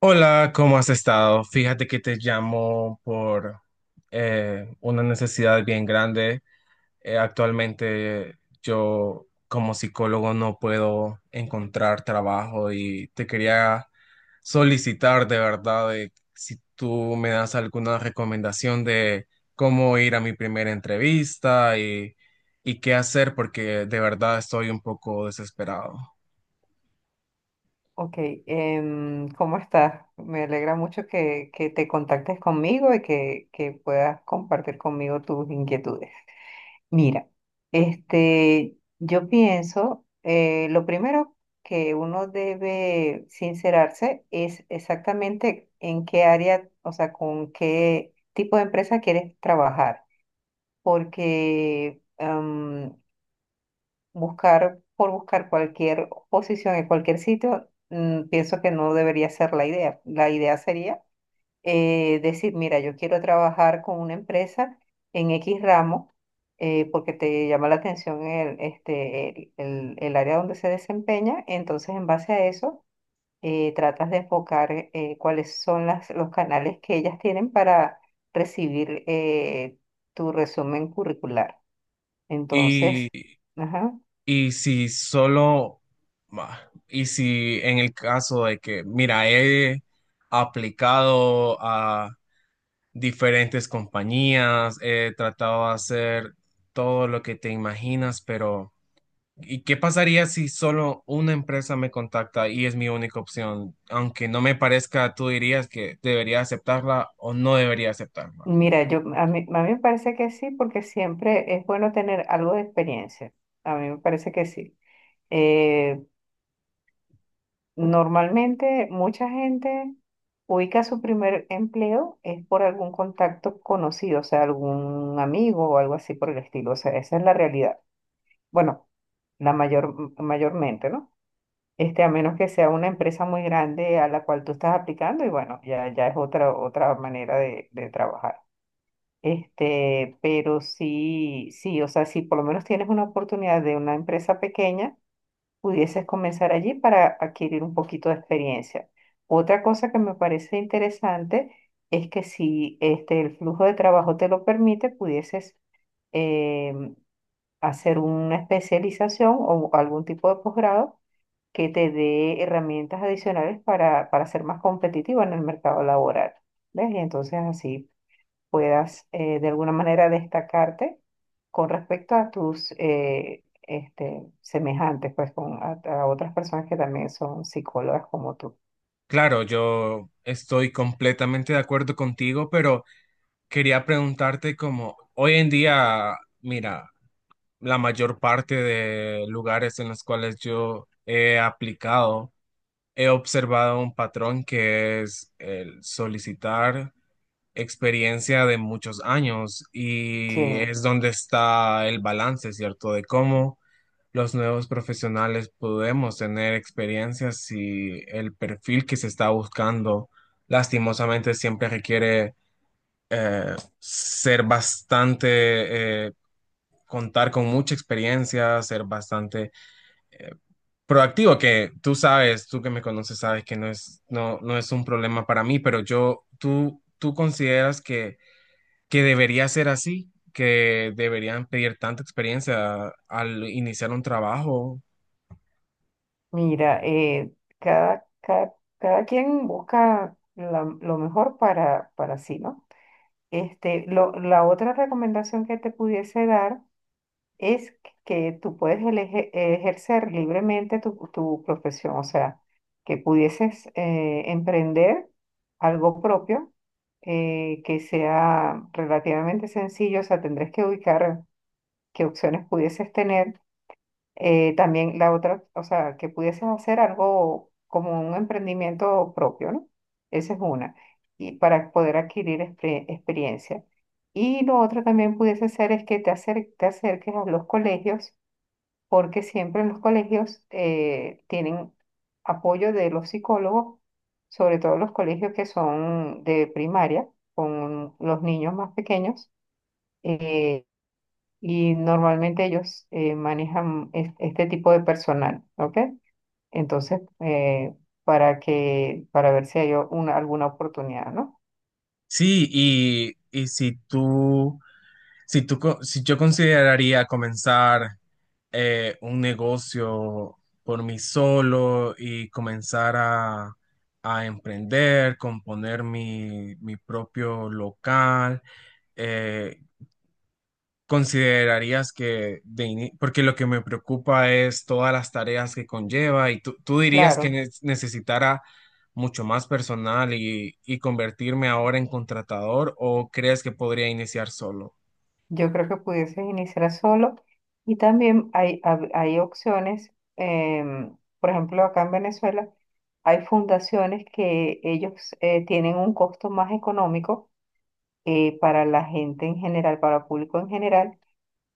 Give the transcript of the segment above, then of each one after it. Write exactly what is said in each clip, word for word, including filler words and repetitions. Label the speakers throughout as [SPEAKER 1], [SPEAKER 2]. [SPEAKER 1] Hola, ¿cómo has estado? Fíjate que te llamo por eh, una necesidad bien grande. Eh, actualmente yo como psicólogo no puedo encontrar trabajo y te quería solicitar de verdad de si tú me das alguna recomendación de cómo ir a mi primera entrevista y, y qué hacer porque de verdad estoy un poco desesperado.
[SPEAKER 2] Ok, em, ¿cómo estás? Me alegra mucho que, que te contactes conmigo y que, que puedas compartir conmigo tus inquietudes. Mira, este, yo pienso, eh, lo primero que uno debe sincerarse es exactamente en qué área, o sea, con qué tipo de empresa quieres trabajar, porque buscar por buscar cualquier posición en cualquier sitio, mm, pienso que no debería ser la idea. La idea sería eh, decir, mira, yo quiero trabajar con una empresa en X ramo eh, porque te llama la atención el, este, el, el- el área donde se desempeña, entonces en base a eso eh, tratas de enfocar eh, cuáles son las, los canales que ellas tienen para recibir eh, tu resumen curricular. Entonces, ajá.
[SPEAKER 1] Y si solo, bah, y si en el caso de que, mira, he aplicado a diferentes compañías, he tratado de hacer todo lo que te imaginas, pero ¿y qué pasaría si solo una empresa me contacta y es mi única opción? Aunque no me parezca, tú dirías que debería aceptarla o no debería aceptarla.
[SPEAKER 2] Mira, yo, a mí, a mí me parece que sí, porque siempre es bueno tener algo de experiencia. A mí me parece que sí. Eh, Normalmente mucha gente ubica su primer empleo es por algún contacto conocido, o sea, algún amigo o algo así por el estilo. O sea, esa es la realidad. Bueno, la mayor, mayormente, ¿no? Este, a menos que sea una empresa muy grande a la cual tú estás aplicando y bueno, ya, ya es otra, otra manera de de trabajar. Este, pero sí, sí, o sea, si por lo menos tienes una oportunidad de una empresa pequeña, pudieses comenzar allí para adquirir un poquito de experiencia. Otra cosa que me parece interesante es que si este, el flujo de trabajo te lo permite, pudieses em, hacer una especialización o algún tipo de posgrado que te dé herramientas adicionales para, para ser más competitivo en el mercado laboral. ¿Ves? Y entonces así puedas eh, de alguna manera destacarte con respecto a tus eh, este, semejantes, pues con a, a otras personas que también son psicólogas como tú.
[SPEAKER 1] Claro, yo estoy completamente de acuerdo contigo, pero... Quería preguntarte como hoy en día, mira, la mayor parte de lugares en los cuales yo he aplicado, he observado un patrón que es el solicitar experiencia de muchos años
[SPEAKER 2] Sí,
[SPEAKER 1] y es donde está el balance, ¿cierto? De cómo los nuevos profesionales podemos tener experiencias si el perfil que se está buscando lastimosamente siempre requiere eh, ser bastante, eh, contar con mucha experiencia, ser bastante eh, proactivo, que tú sabes, tú que me conoces, sabes que no es, no no es un problema para mí, pero yo, tú, tú consideras que, que debería ser así, que deberían pedir tanta experiencia al iniciar un trabajo.
[SPEAKER 2] mira, eh, cada, cada, cada quien busca la- lo mejor para, para sí, ¿no? Este, lo, la otra recomendación que te pudiese dar es que tú puedes eleje- ejercer libremente tu, tu profesión, o sea, que pudieses eh, emprender algo propio eh, que sea relativamente sencillo, o sea, tendrías que ubicar qué opciones pudieses tener. Eh, también la otra, o sea, que pudieses hacer algo como un emprendimiento propio, ¿no? Esa es una, y para poder adquirir exper- experiencia. Y lo otro también pudiese ser es que te acer- te acerques a los colegios porque siempre en los colegios eh, tienen apoyo de los psicólogos, sobre todo los colegios que son de primaria, con los niños más pequeños, eh, y normalmente ellos eh, manejan es- este tipo de personal, ¿ok? Entonces, eh, para que, para ver si hay o- una, alguna oportunidad, ¿no?
[SPEAKER 1] Sí, y, y si tú, si tú, co- si yo consideraría comenzar eh, un negocio por mí solo y comenzar a, a emprender, componer mi, mi propio local. eh, ¿Considerarías que de ini- porque lo que me preocupa es todas las tareas que conlleva y tú, tú dirías que
[SPEAKER 2] Claro.
[SPEAKER 1] ne- necesitara mucho más personal y, y convertirme ahora en contratador o crees que podría iniciar solo?
[SPEAKER 2] Yo creo que pudieses iniciar solo y también hay, hab- hay opciones, em, por ejemplo, acá en Venezuela hay fundaciones que ellos eh, tienen un costo más económico eh, para la gente en general, para el público en general,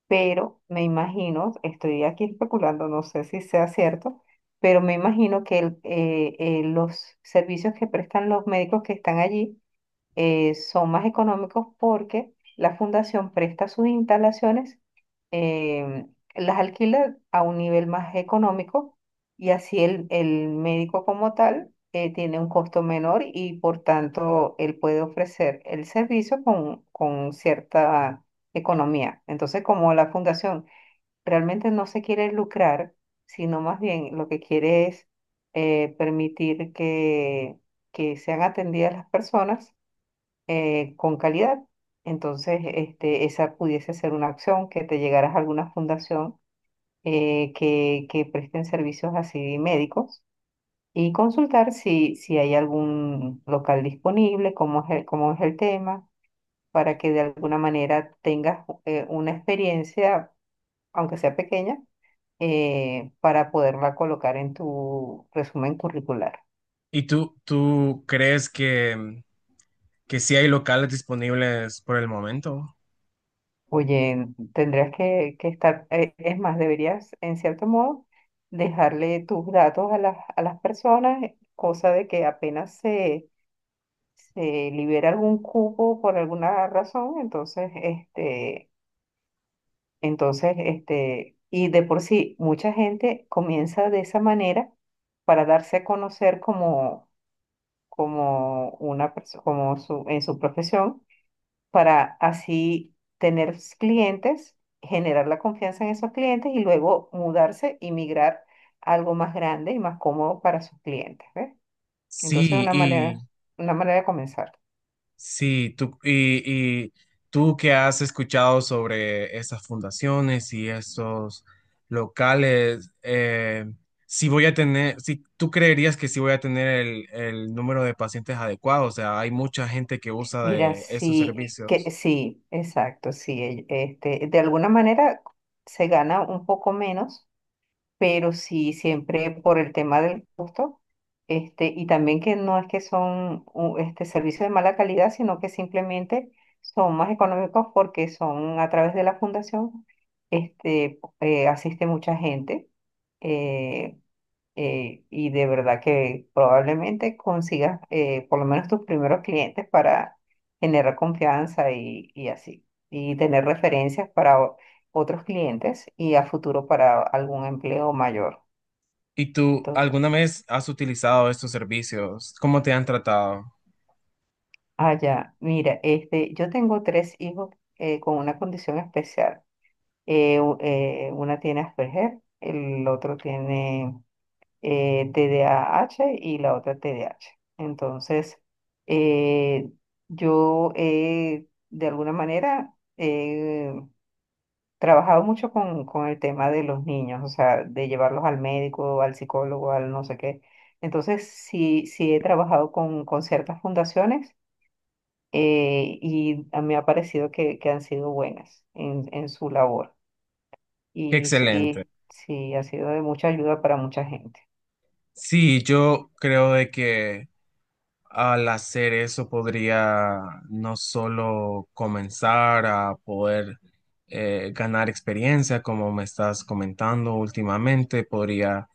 [SPEAKER 2] pero me imagino, estoy aquí especulando, no sé si sea cierto, pero me imagino que el- eh, eh, los servicios que prestan los médicos que están allí, eh, son más económicos porque la fundación presta sus instalaciones, eh, las alquila a un nivel más económico y así el, el médico como tal eh, tiene un costo menor y por tanto él puede ofrecer el servicio con, con cierta economía. Entonces, como la fundación realmente no se quiere lucrar, sino más bien lo que quiere es eh, permitir que, que sean atendidas las personas eh, con calidad. Entonces, este, esa pudiese ser una acción, que te llegaras a alguna fundación eh, que, que presten servicios así médicos y consultar si, si hay algún local disponible, cómo es el, cómo es el tema, para que de alguna manera tengas eh, una experiencia, aunque sea pequeña, eh, para poderla colocar en tu resumen curricular.
[SPEAKER 1] ¿Y tú, tú crees que, que sí hay locales disponibles por el momento?
[SPEAKER 2] Oye, tendrías que, que estar, eh, es más, deberías, en cierto modo, dejarle tus datos a las, a las personas, cosa de que apenas se, se libera algún cupo por alguna razón, entonces, este, entonces, este, y de por sí, mucha gente comienza de esa manera para darse a conocer como, como una persona, como su, en su profesión para así tener s- clientes, generar la confianza en esos clientes y luego mudarse y migrar a algo más grande y más cómodo para sus clientes, ¿ves? Entonces,
[SPEAKER 1] Sí,
[SPEAKER 2] una manera,
[SPEAKER 1] y
[SPEAKER 2] una manera de comenzar.
[SPEAKER 1] sí, tú, y, y tú que has escuchado sobre esas fundaciones y esos locales, eh, si voy a tener, si tú creerías que sí voy a tener el, el número de pacientes adecuado, o sea, hay mucha gente que usa
[SPEAKER 2] Mira,
[SPEAKER 1] de estos
[SPEAKER 2] sí,
[SPEAKER 1] servicios.
[SPEAKER 2] que sí, exacto, sí, e- este, de alguna manera se gana un poco menos pero sí siempre por el tema del costo, este, y también que no es que son u- este, servicios de mala calidad, sino que simplemente son más económicos porque son a través de la fundación, este, eh, asiste mucha gente. eh, eh, y de verdad que probablemente consigas eh, por lo menos tus primeros clientes para generar confianza y, y así, y tener referencias para o- otros clientes y a futuro para algún empleo mayor.
[SPEAKER 1] ¿Y tú
[SPEAKER 2] Entonces,
[SPEAKER 1] alguna vez has utilizado estos servicios? ¿Cómo te han tratado?
[SPEAKER 2] ah, ya, mira, este, yo tengo tres hijos eh, con una condición especial. Eh, u- eh, una tiene Asperger, el otro tiene eh, T D A H y la otra T D A H. Entonces, eh, yo he, de alguna manera, he trabajado mucho con, con el tema de los niños, o sea, de llevarlos al médico, al psicólogo, al no sé qué. Entonces, sí, sí he trabajado con, con ciertas fundaciones eh, y a mí me ha parecido que, que han sido buenas en, en su labor
[SPEAKER 1] Qué
[SPEAKER 2] y, s-
[SPEAKER 1] excelente.
[SPEAKER 2] y sí, ha sido de mucha ayuda para mucha gente.
[SPEAKER 1] Sí, yo creo de que al hacer eso podría no solo comenzar a poder eh, ganar experiencia, como me estás comentando últimamente, podría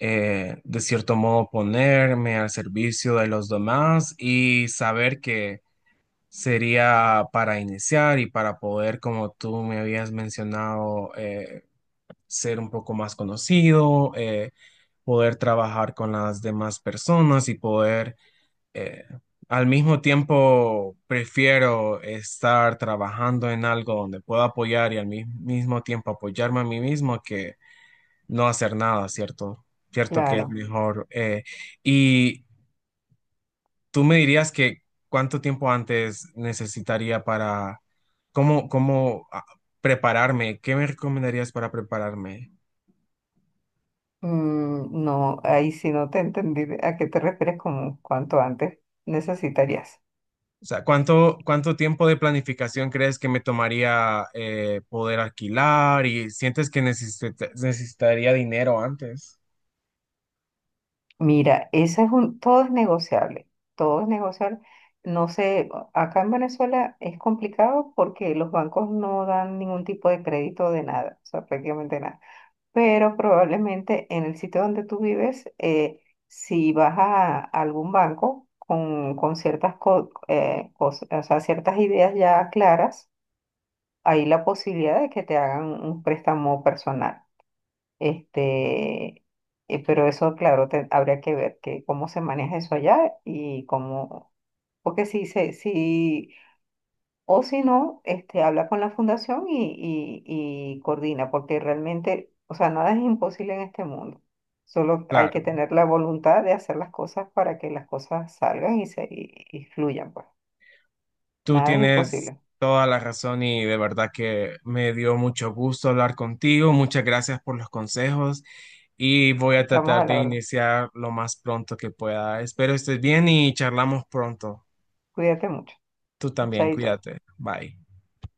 [SPEAKER 1] eh, de cierto modo ponerme al servicio de los demás y saber que sería para iniciar y para poder, como tú me habías mencionado, eh, ser un poco más conocido, eh, poder trabajar con las demás personas y poder eh, al mismo tiempo prefiero estar trabajando en algo donde pueda apoyar y al mi- mismo tiempo apoyarme a mí mismo que no hacer nada, ¿cierto? Cierto que es
[SPEAKER 2] Claro.
[SPEAKER 1] mejor. Eh, y tú me dirías que cuánto tiempo antes necesitaría para, cómo, cómo ah, prepararme, ¿qué me recomendarías para prepararme?
[SPEAKER 2] Mm, no, ahí sí no te entendí de- a qué te refieres con cuanto antes necesitarías.
[SPEAKER 1] O sea, ¿cuánto, ¿cuánto tiempo de planificación crees que me tomaría eh, poder alquilar? ¿Y sientes que necesit- necesitaría dinero antes?
[SPEAKER 2] Mira, esa es un, todo es negociable, todo es negociable. No sé, acá en Venezuela es complicado porque los bancos no dan ningún tipo de crédito de nada, o sea, prácticamente nada. Pero probablemente en el sitio donde tú vives, eh, si vas a algún banco con, con ciertas co- eh, cos- o sea, ciertas ideas ya claras, hay la posibilidad de que te hagan un préstamo personal. Este, eh, pero eso, claro, te- habría que ver que cómo se maneja eso allá y cómo, porque si se, si, o si no, este, habla con la fundación y, y, y coordina, porque realmente, o sea, nada es imposible en este mundo. Solo hay que
[SPEAKER 1] Claro,
[SPEAKER 2] tener la voluntad de hacer las cosas para que las cosas salgan y se y, y fluyan, pues.
[SPEAKER 1] tú
[SPEAKER 2] Nada es
[SPEAKER 1] tienes
[SPEAKER 2] imposible.
[SPEAKER 1] toda la razón y de verdad que me dio mucho gusto hablar contigo. Muchas gracias por los consejos y voy a
[SPEAKER 2] Estamos
[SPEAKER 1] tratar
[SPEAKER 2] a
[SPEAKER 1] de
[SPEAKER 2] la orden.
[SPEAKER 1] iniciar lo más pronto que pueda. Espero estés bien y charlamos pronto.
[SPEAKER 2] Cuídate mucho.
[SPEAKER 1] Tú también,
[SPEAKER 2] Chaito.
[SPEAKER 1] cuídate. Bye.